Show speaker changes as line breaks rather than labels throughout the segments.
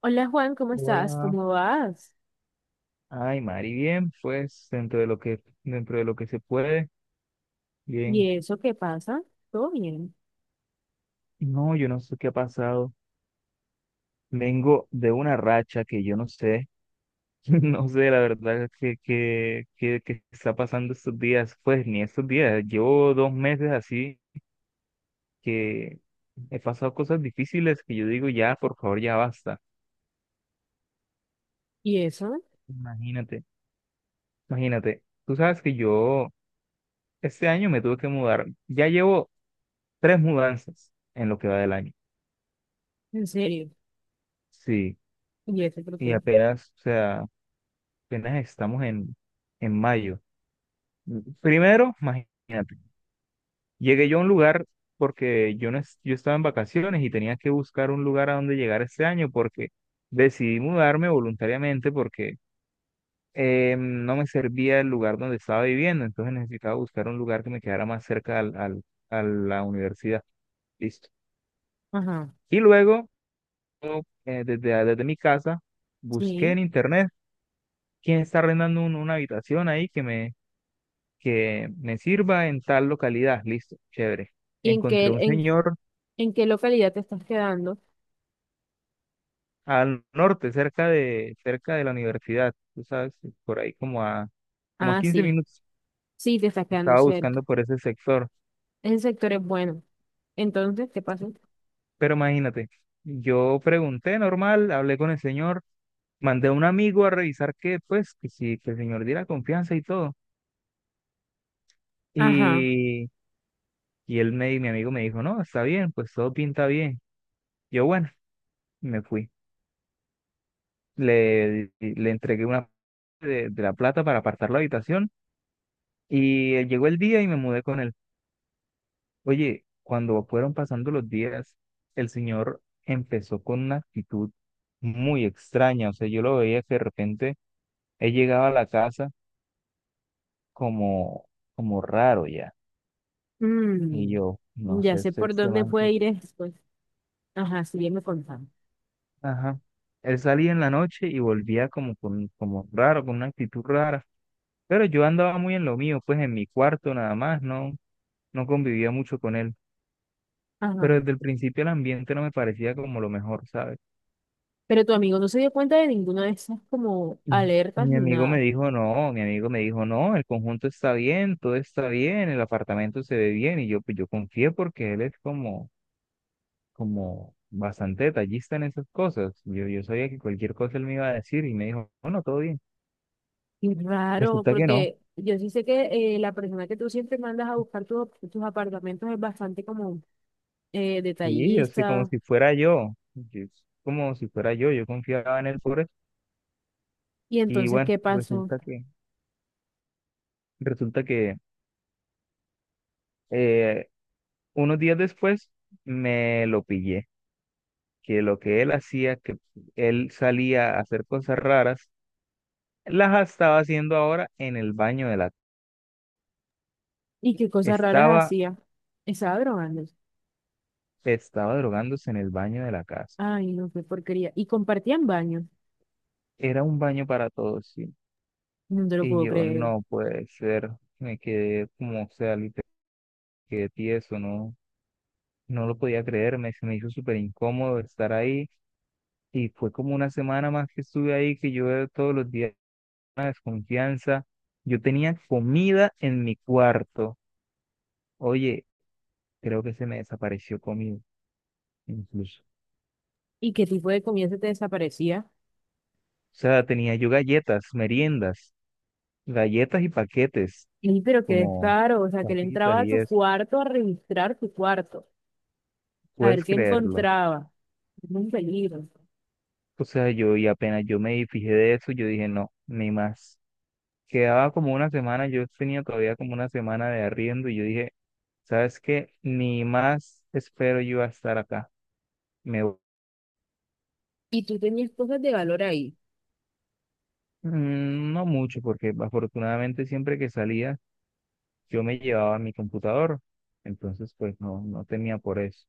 Hola, Juan, ¿cómo estás?
Hola.
¿Cómo vas?
Ay, Mari, bien, pues dentro de lo que se puede, bien.
¿Y eso qué pasa? ¿Todo bien?
No, yo no sé qué ha pasado. Vengo de una racha que yo no sé, no sé la verdad que está pasando estos días, pues ni estos días. Llevo 2 meses así que he pasado cosas difíciles que yo digo ya, por favor, ya basta.
¿Y eso?
Imagínate, imagínate. Tú sabes que yo este año me tuve que mudar. Ya llevo tres mudanzas en lo que va del año.
¿En serio?
Sí.
¿Y eso por
Y
qué?
apenas, o sea, apenas estamos en, mayo. Primero, imagínate, llegué yo a un lugar porque yo, no, yo estaba en vacaciones y tenía que buscar un lugar a donde llegar este año porque decidí mudarme voluntariamente porque no me servía el lugar donde estaba viviendo, entonces necesitaba buscar un lugar que me quedara más cerca al, a la universidad. Listo.
Ajá,
Y luego, yo, desde mi casa, busqué
sí.
en internet quién está arrendando una habitación ahí que me sirva en tal localidad. Listo, chévere.
¿Y
Encontré un señor
en qué localidad te estás quedando?
al norte, cerca de la universidad, tú sabes, por ahí como a
Ah,
15
sí.
minutos.
Sí, te estás quedando
Estaba
cerca.
buscando por ese sector.
Ese sector es bueno. Entonces, ¿qué pasa?
Pero imagínate, yo pregunté normal, hablé con el señor, mandé a un amigo a revisar que, pues, que si que el señor diera confianza y todo.
Ajá.
Y, y mi amigo me dijo, no, está bien, pues todo pinta bien. Yo, bueno, me fui. Le entregué una parte de la plata para apartar la habitación y llegó el día y me mudé con él. Oye, cuando fueron pasando los días, el señor empezó con una actitud muy extraña, o sea, yo lo veía que de repente él llegaba a la casa como, como raro ya, y
Mm,
yo, no
ya
sé,
sé
este,
por
este
dónde
man que...
puede ir después. Ajá, sí, ya me contaron.
Ajá. Él salía en la noche y volvía como, como raro, con una actitud rara, pero yo andaba muy en lo mío, pues en mi cuarto nada más, ¿no? No convivía mucho con él,
Ajá.
pero desde el principio el ambiente no me parecía como lo mejor, ¿sabes?
Pero tu amigo no se dio cuenta de ninguna de esas como
Mm.
alertas
Mi
ni
amigo me
nada.
dijo, no, el conjunto está bien, todo está bien, el apartamento se ve bien, y yo, pues yo confié porque él es como bastante detallista en esas cosas. Yo sabía que cualquier cosa él me iba a decir y me dijo, bueno, todo bien.
Y raro,
Resulta que no,
porque yo sí sé que la persona que tú siempre mandas a buscar tus apartamentos es bastante como
sí, o sea,
detallista.
como si fuera yo, yo confiaba en él por eso.
Y
Y
entonces,
bueno,
¿qué pasó?
resulta que eh, unos días después me lo pillé, que lo que él hacía, que él salía a hacer cosas raras, las estaba haciendo ahora en el baño. De la
¿Y qué cosas raras
Estaba,
hacía? Estaba drogándose.
estaba drogándose en el baño de la casa.
Ay, no, qué porquería. Y compartían baño.
Era un baño para todos, sí.
No te lo
Y
puedo
yo,
creer.
no puede ser, me quedé como, o sea, literal, quedé tieso, no, no lo podía creer, se me hizo súper incómodo estar ahí. Y fue como una semana más que estuve ahí, que yo todos los días desconfianza. Yo tenía comida en mi cuarto. Oye, creo que se me desapareció comida, incluso.
¿Y qué tipo de comida se te desaparecía?
O sea, tenía yo galletas, meriendas, galletas y paquetes,
Sí, pero qué
como
descaro. O sea, que él
papitas
entraba a
y
tu
eso.
cuarto a registrar tu cuerpo, a ver
Puedes
qué
creerlo.
encontraba. Es un peligro.
O sea, yo y apenas yo me fijé de eso, yo dije, no, ni más. Quedaba como una semana, yo tenía todavía como una semana de arriendo y yo dije, ¿sabes qué? Ni más espero yo a estar acá. Me
Y tú tenías cosas de valor ahí.
Mm, no mucho, porque afortunadamente siempre que salía yo me llevaba mi computador, entonces pues no, no temía por eso,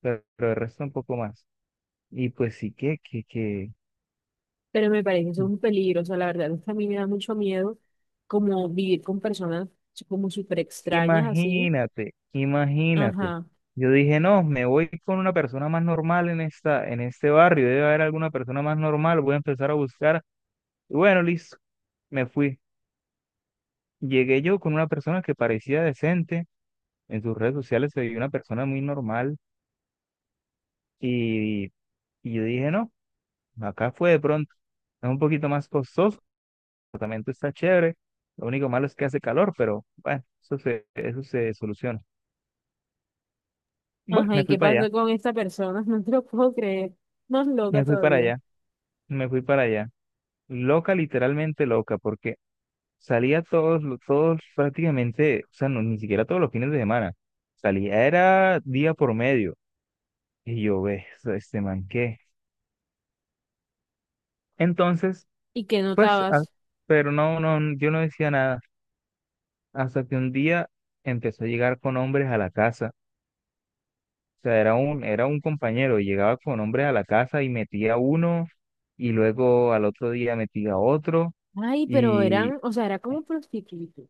pero el resto un poco más. Y pues sí
Pero me parece eso un peligro, o sea, la verdad es que a mí me da mucho miedo como vivir con personas como súper extrañas así.
imagínate, imagínate.
Ajá,
Yo dije, no, me voy con una persona más normal en en este barrio, debe haber alguna persona más normal, voy a empezar a buscar. Y bueno, listo, me fui. Llegué yo con una persona que parecía decente, en sus redes sociales se veía una persona muy normal. Y, y yo dije, no, acá fue de pronto. Es un poquito más costoso, el apartamento está chévere. Lo único malo es que hace calor, pero bueno, eso se soluciona. Bueno,
ajá, ¿y qué pasó con esta persona? No te lo puedo creer, más loca
me fui para
todavía.
allá, me fui para allá. Loca, literalmente loca, porque salía todos prácticamente, o sea, no, ni siquiera todos los fines de semana. Salía, era día por medio. Y yo, ve, este man, ¿qué? Entonces,
¿Y qué
pues, ah,
notabas?
pero no, no, yo no decía nada. Hasta que un día empezó a llegar con hombres a la casa. O sea, era un compañero, llegaba con hombres a la casa y metía uno, y luego al otro día metía otro,
Ay, pero eran,
y
o sea, era como prostituto.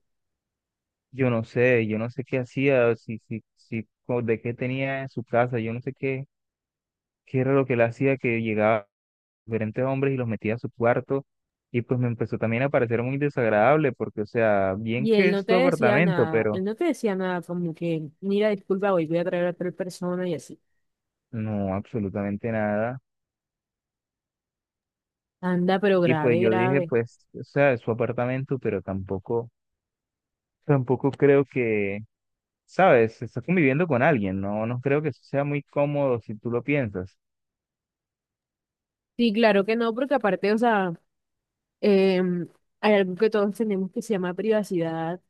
yo no sé qué hacía, si, si, si, co- de qué tenía en su casa, yo no sé qué era lo que él hacía, que llegaba diferentes hombres y los metía a su cuarto, y pues me empezó también a parecer muy desagradable, porque, o sea, bien
Y
que
él no
es
te
tu
decía
apartamento,
nada,
pero
él no te decía nada como que, mira, disculpa, hoy voy a traer a tal persona y así.
no, absolutamente nada.
Anda, pero
Y pues
grave,
yo dije,
grave.
pues, o sea, es su apartamento, pero tampoco creo que, sabes, está conviviendo con alguien, no, no creo que eso sea muy cómodo si tú lo piensas.
Sí, claro que no, porque aparte, o sea, em, hay algo que todos tenemos que se llama privacidad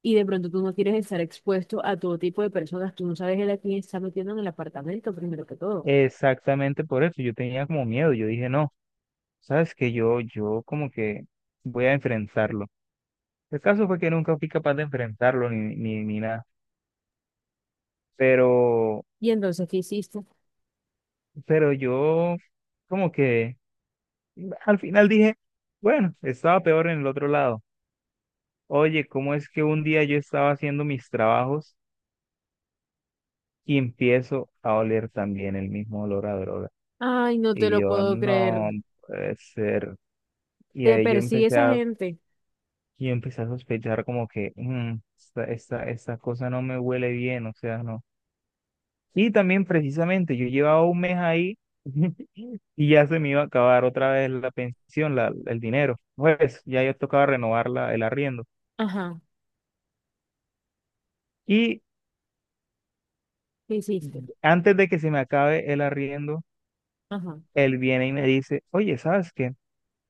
y de pronto tú no quieres estar expuesto a todo tipo de personas, tú no sabes el a quién está metiendo en el apartamento, primero que todo.
Exactamente por eso, yo tenía como miedo, yo dije, no, sabes que yo como que voy a enfrentarlo. El caso fue que nunca fui capaz de enfrentarlo ni nada, pero,
Y entonces, ¿qué hiciste?
pero yo como que al final dije, bueno, estaba peor en el otro lado. Oye, ¿cómo es que un día yo estaba haciendo mis trabajos y empiezo a oler también el mismo olor a droga?
Ay, no te
Y
lo
yo,
puedo creer.
no puede ser. Y
Te
ahí yo
persigue
empecé
esa
a,
gente.
yo empecé a sospechar como que "Mm, esta cosa no me huele bien, o sea, no. Y también precisamente yo llevaba un mes ahí y ya se me iba a acabar otra vez la pensión, el dinero. Pues ya yo tocaba renovar el arriendo.
Ajá,
Y
¿qué hiciste?
antes de que se me acabe el arriendo,
Ajá.
él viene y me dice, oye, ¿sabes qué?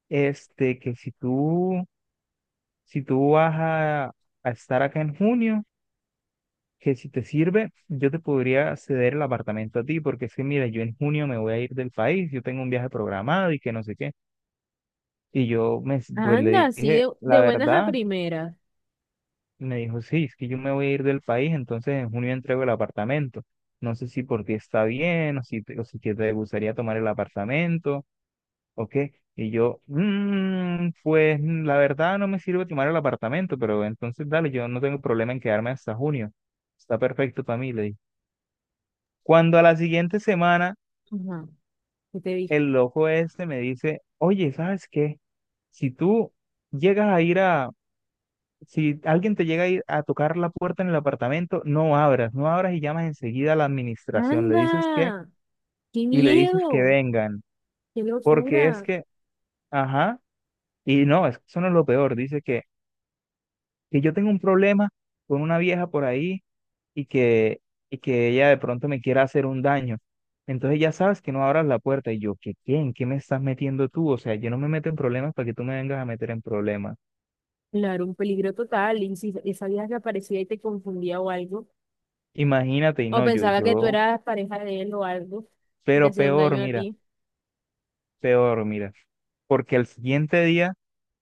Este, que si tú vas a estar acá en junio, que si te sirve, yo te podría ceder el apartamento a ti, porque es que, mira, yo en junio me voy a ir del país, yo tengo un viaje programado y que no sé qué. Y yo, pues
Anda,
le
así
dije, la
de buenas a
verdad,
primeras.
y me dijo, sí, es que yo me voy a ir del país, entonces en junio entrego el apartamento. No sé si por ti está bien, o si que te gustaría tomar el apartamento, ¿ok? Y yo, "Mm, pues la verdad no me sirve tomar el apartamento, pero entonces dale, yo no tengo problema en quedarme hasta junio. Está perfecto para mí, le dije. Cuando a la siguiente semana
Ajá, ¿qué te dijo?
el loco este me dice, oye, ¿sabes qué? Si tú llegas a ir a, si alguien te llega a ir a tocar la puerta en el apartamento, no abras, no abras y llamas enseguida a la administración,
Anda, qué
y le dices que
miedo,
vengan,
qué
porque es
locura.
que, ajá, y no, eso no es lo peor, dice que yo tengo un problema con una vieja por ahí y que, y que ella de pronto me quiera hacer un daño. Entonces ya sabes que no abras la puerta. Y yo, ¿qué quién? ¿Qué me estás metiendo tú? O sea, yo no me meto en problemas para que tú me vengas a meter en problemas.
Claro, un peligro total. ¿Y si esa vieja que aparecía y te confundía o algo,
Imagínate, y
o
no, yo,
pensaba que tú
yo,
eras pareja de él o algo, y te
pero
hacía un
peor,
daño a
mira,
ti?
peor, mira. Porque el siguiente día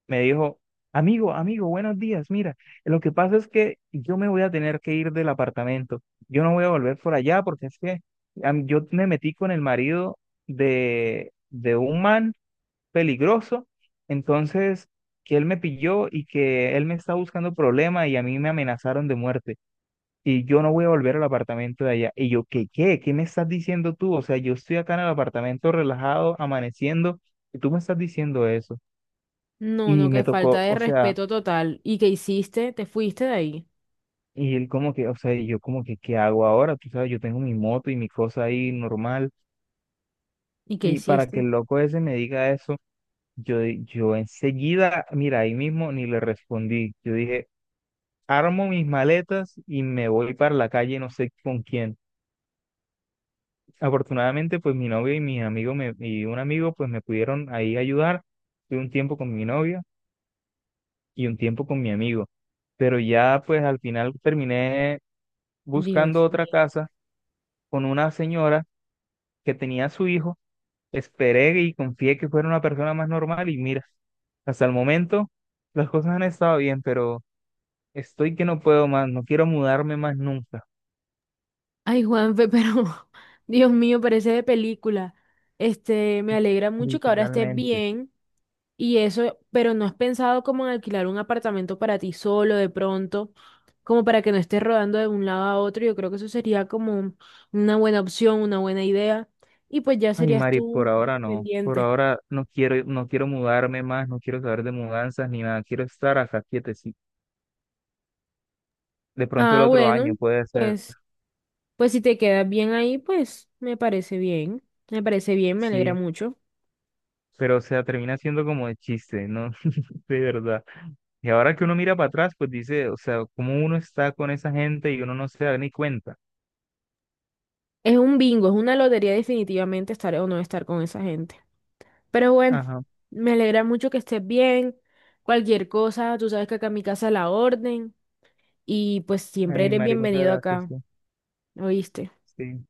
me dijo, amigo, amigo, buenos días, mira, lo que pasa es que yo me voy a tener que ir del apartamento, yo no voy a volver por allá porque es que yo me metí con el marido de un man peligroso, entonces que él me pilló y que él me está buscando problema y a mí me amenazaron de muerte. Y yo no voy a volver al apartamento de allá. Y yo, ¿qué, qué? ¿Qué me estás diciendo tú? O sea, yo estoy acá en el apartamento relajado, amaneciendo, y tú me estás diciendo eso.
No,
Y
no,
me
qué falta
tocó,
de
o sea,
respeto total. ¿Y qué hiciste? ¿Te fuiste de ahí?
y él como que, o sea, y yo como que, ¿qué hago ahora? Tú sabes, yo tengo mi moto y mi cosa ahí normal.
¿Y qué
Y para que
hiciste?
el loco ese me diga eso, yo enseguida, mira, ahí mismo ni le respondí. Yo dije, armo mis maletas y me voy para la calle, no sé con quién. Afortunadamente, pues mi novia y mis amigos y un amigo, pues me pudieron ahí ayudar. Fui un tiempo con mi novia y un tiempo con mi amigo. Pero ya, pues al final terminé buscando
Dios
otra
mío.
casa con una señora que tenía a su hijo. Esperé y confié que fuera una persona más normal y mira, hasta el momento las cosas han estado bien, pero estoy que no puedo más, no quiero mudarme más nunca,
Ay, Juanfe, pero Dios mío, parece de película. Este, me alegra mucho que ahora estés
literalmente.
bien y eso, pero ¿no has pensado como en alquilar un apartamento para ti solo de pronto, como para que no estés rodando de un lado a otro? Yo creo que eso sería como un- una buena opción, una buena idea y pues ya
Ay,
serías
Mari, por
tú
ahora no, por
independiente.
ahora no quiero mudarme más, no quiero saber de mudanzas ni nada, quiero estar acá quietecito. De pronto el
Ah,
otro
bueno,
año puede ser,
pues pues si te quedas bien ahí, pues me parece bien. Me parece bien, me alegra
sí,
mucho.
pero o sea, termina siendo como de chiste, ¿no? De verdad. Y ahora que uno mira para atrás, pues dice, o sea, como uno está con esa gente y uno no se da ni cuenta.
Es un bingo, es una lotería definitivamente estar o no estar con esa gente. Pero bueno,
Ajá.
me alegra mucho que estés bien. Cualquier cosa, tú sabes que acá en mi casa la orden y pues siempre
Ay,
eres
Mari, muchas
bienvenido
gracias.
acá,
Sí,
¿oíste?
sí.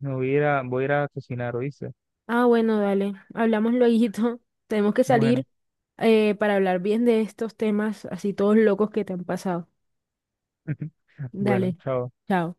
Me voy a ir a, voy a ir a cocinar, ¿oíste?
Ah, bueno, dale, hablamos lueguito. Tenemos que salir
Bueno,
para hablar bien de estos temas así todos locos que te han pasado.
bueno,
Dale,
chao.
chao.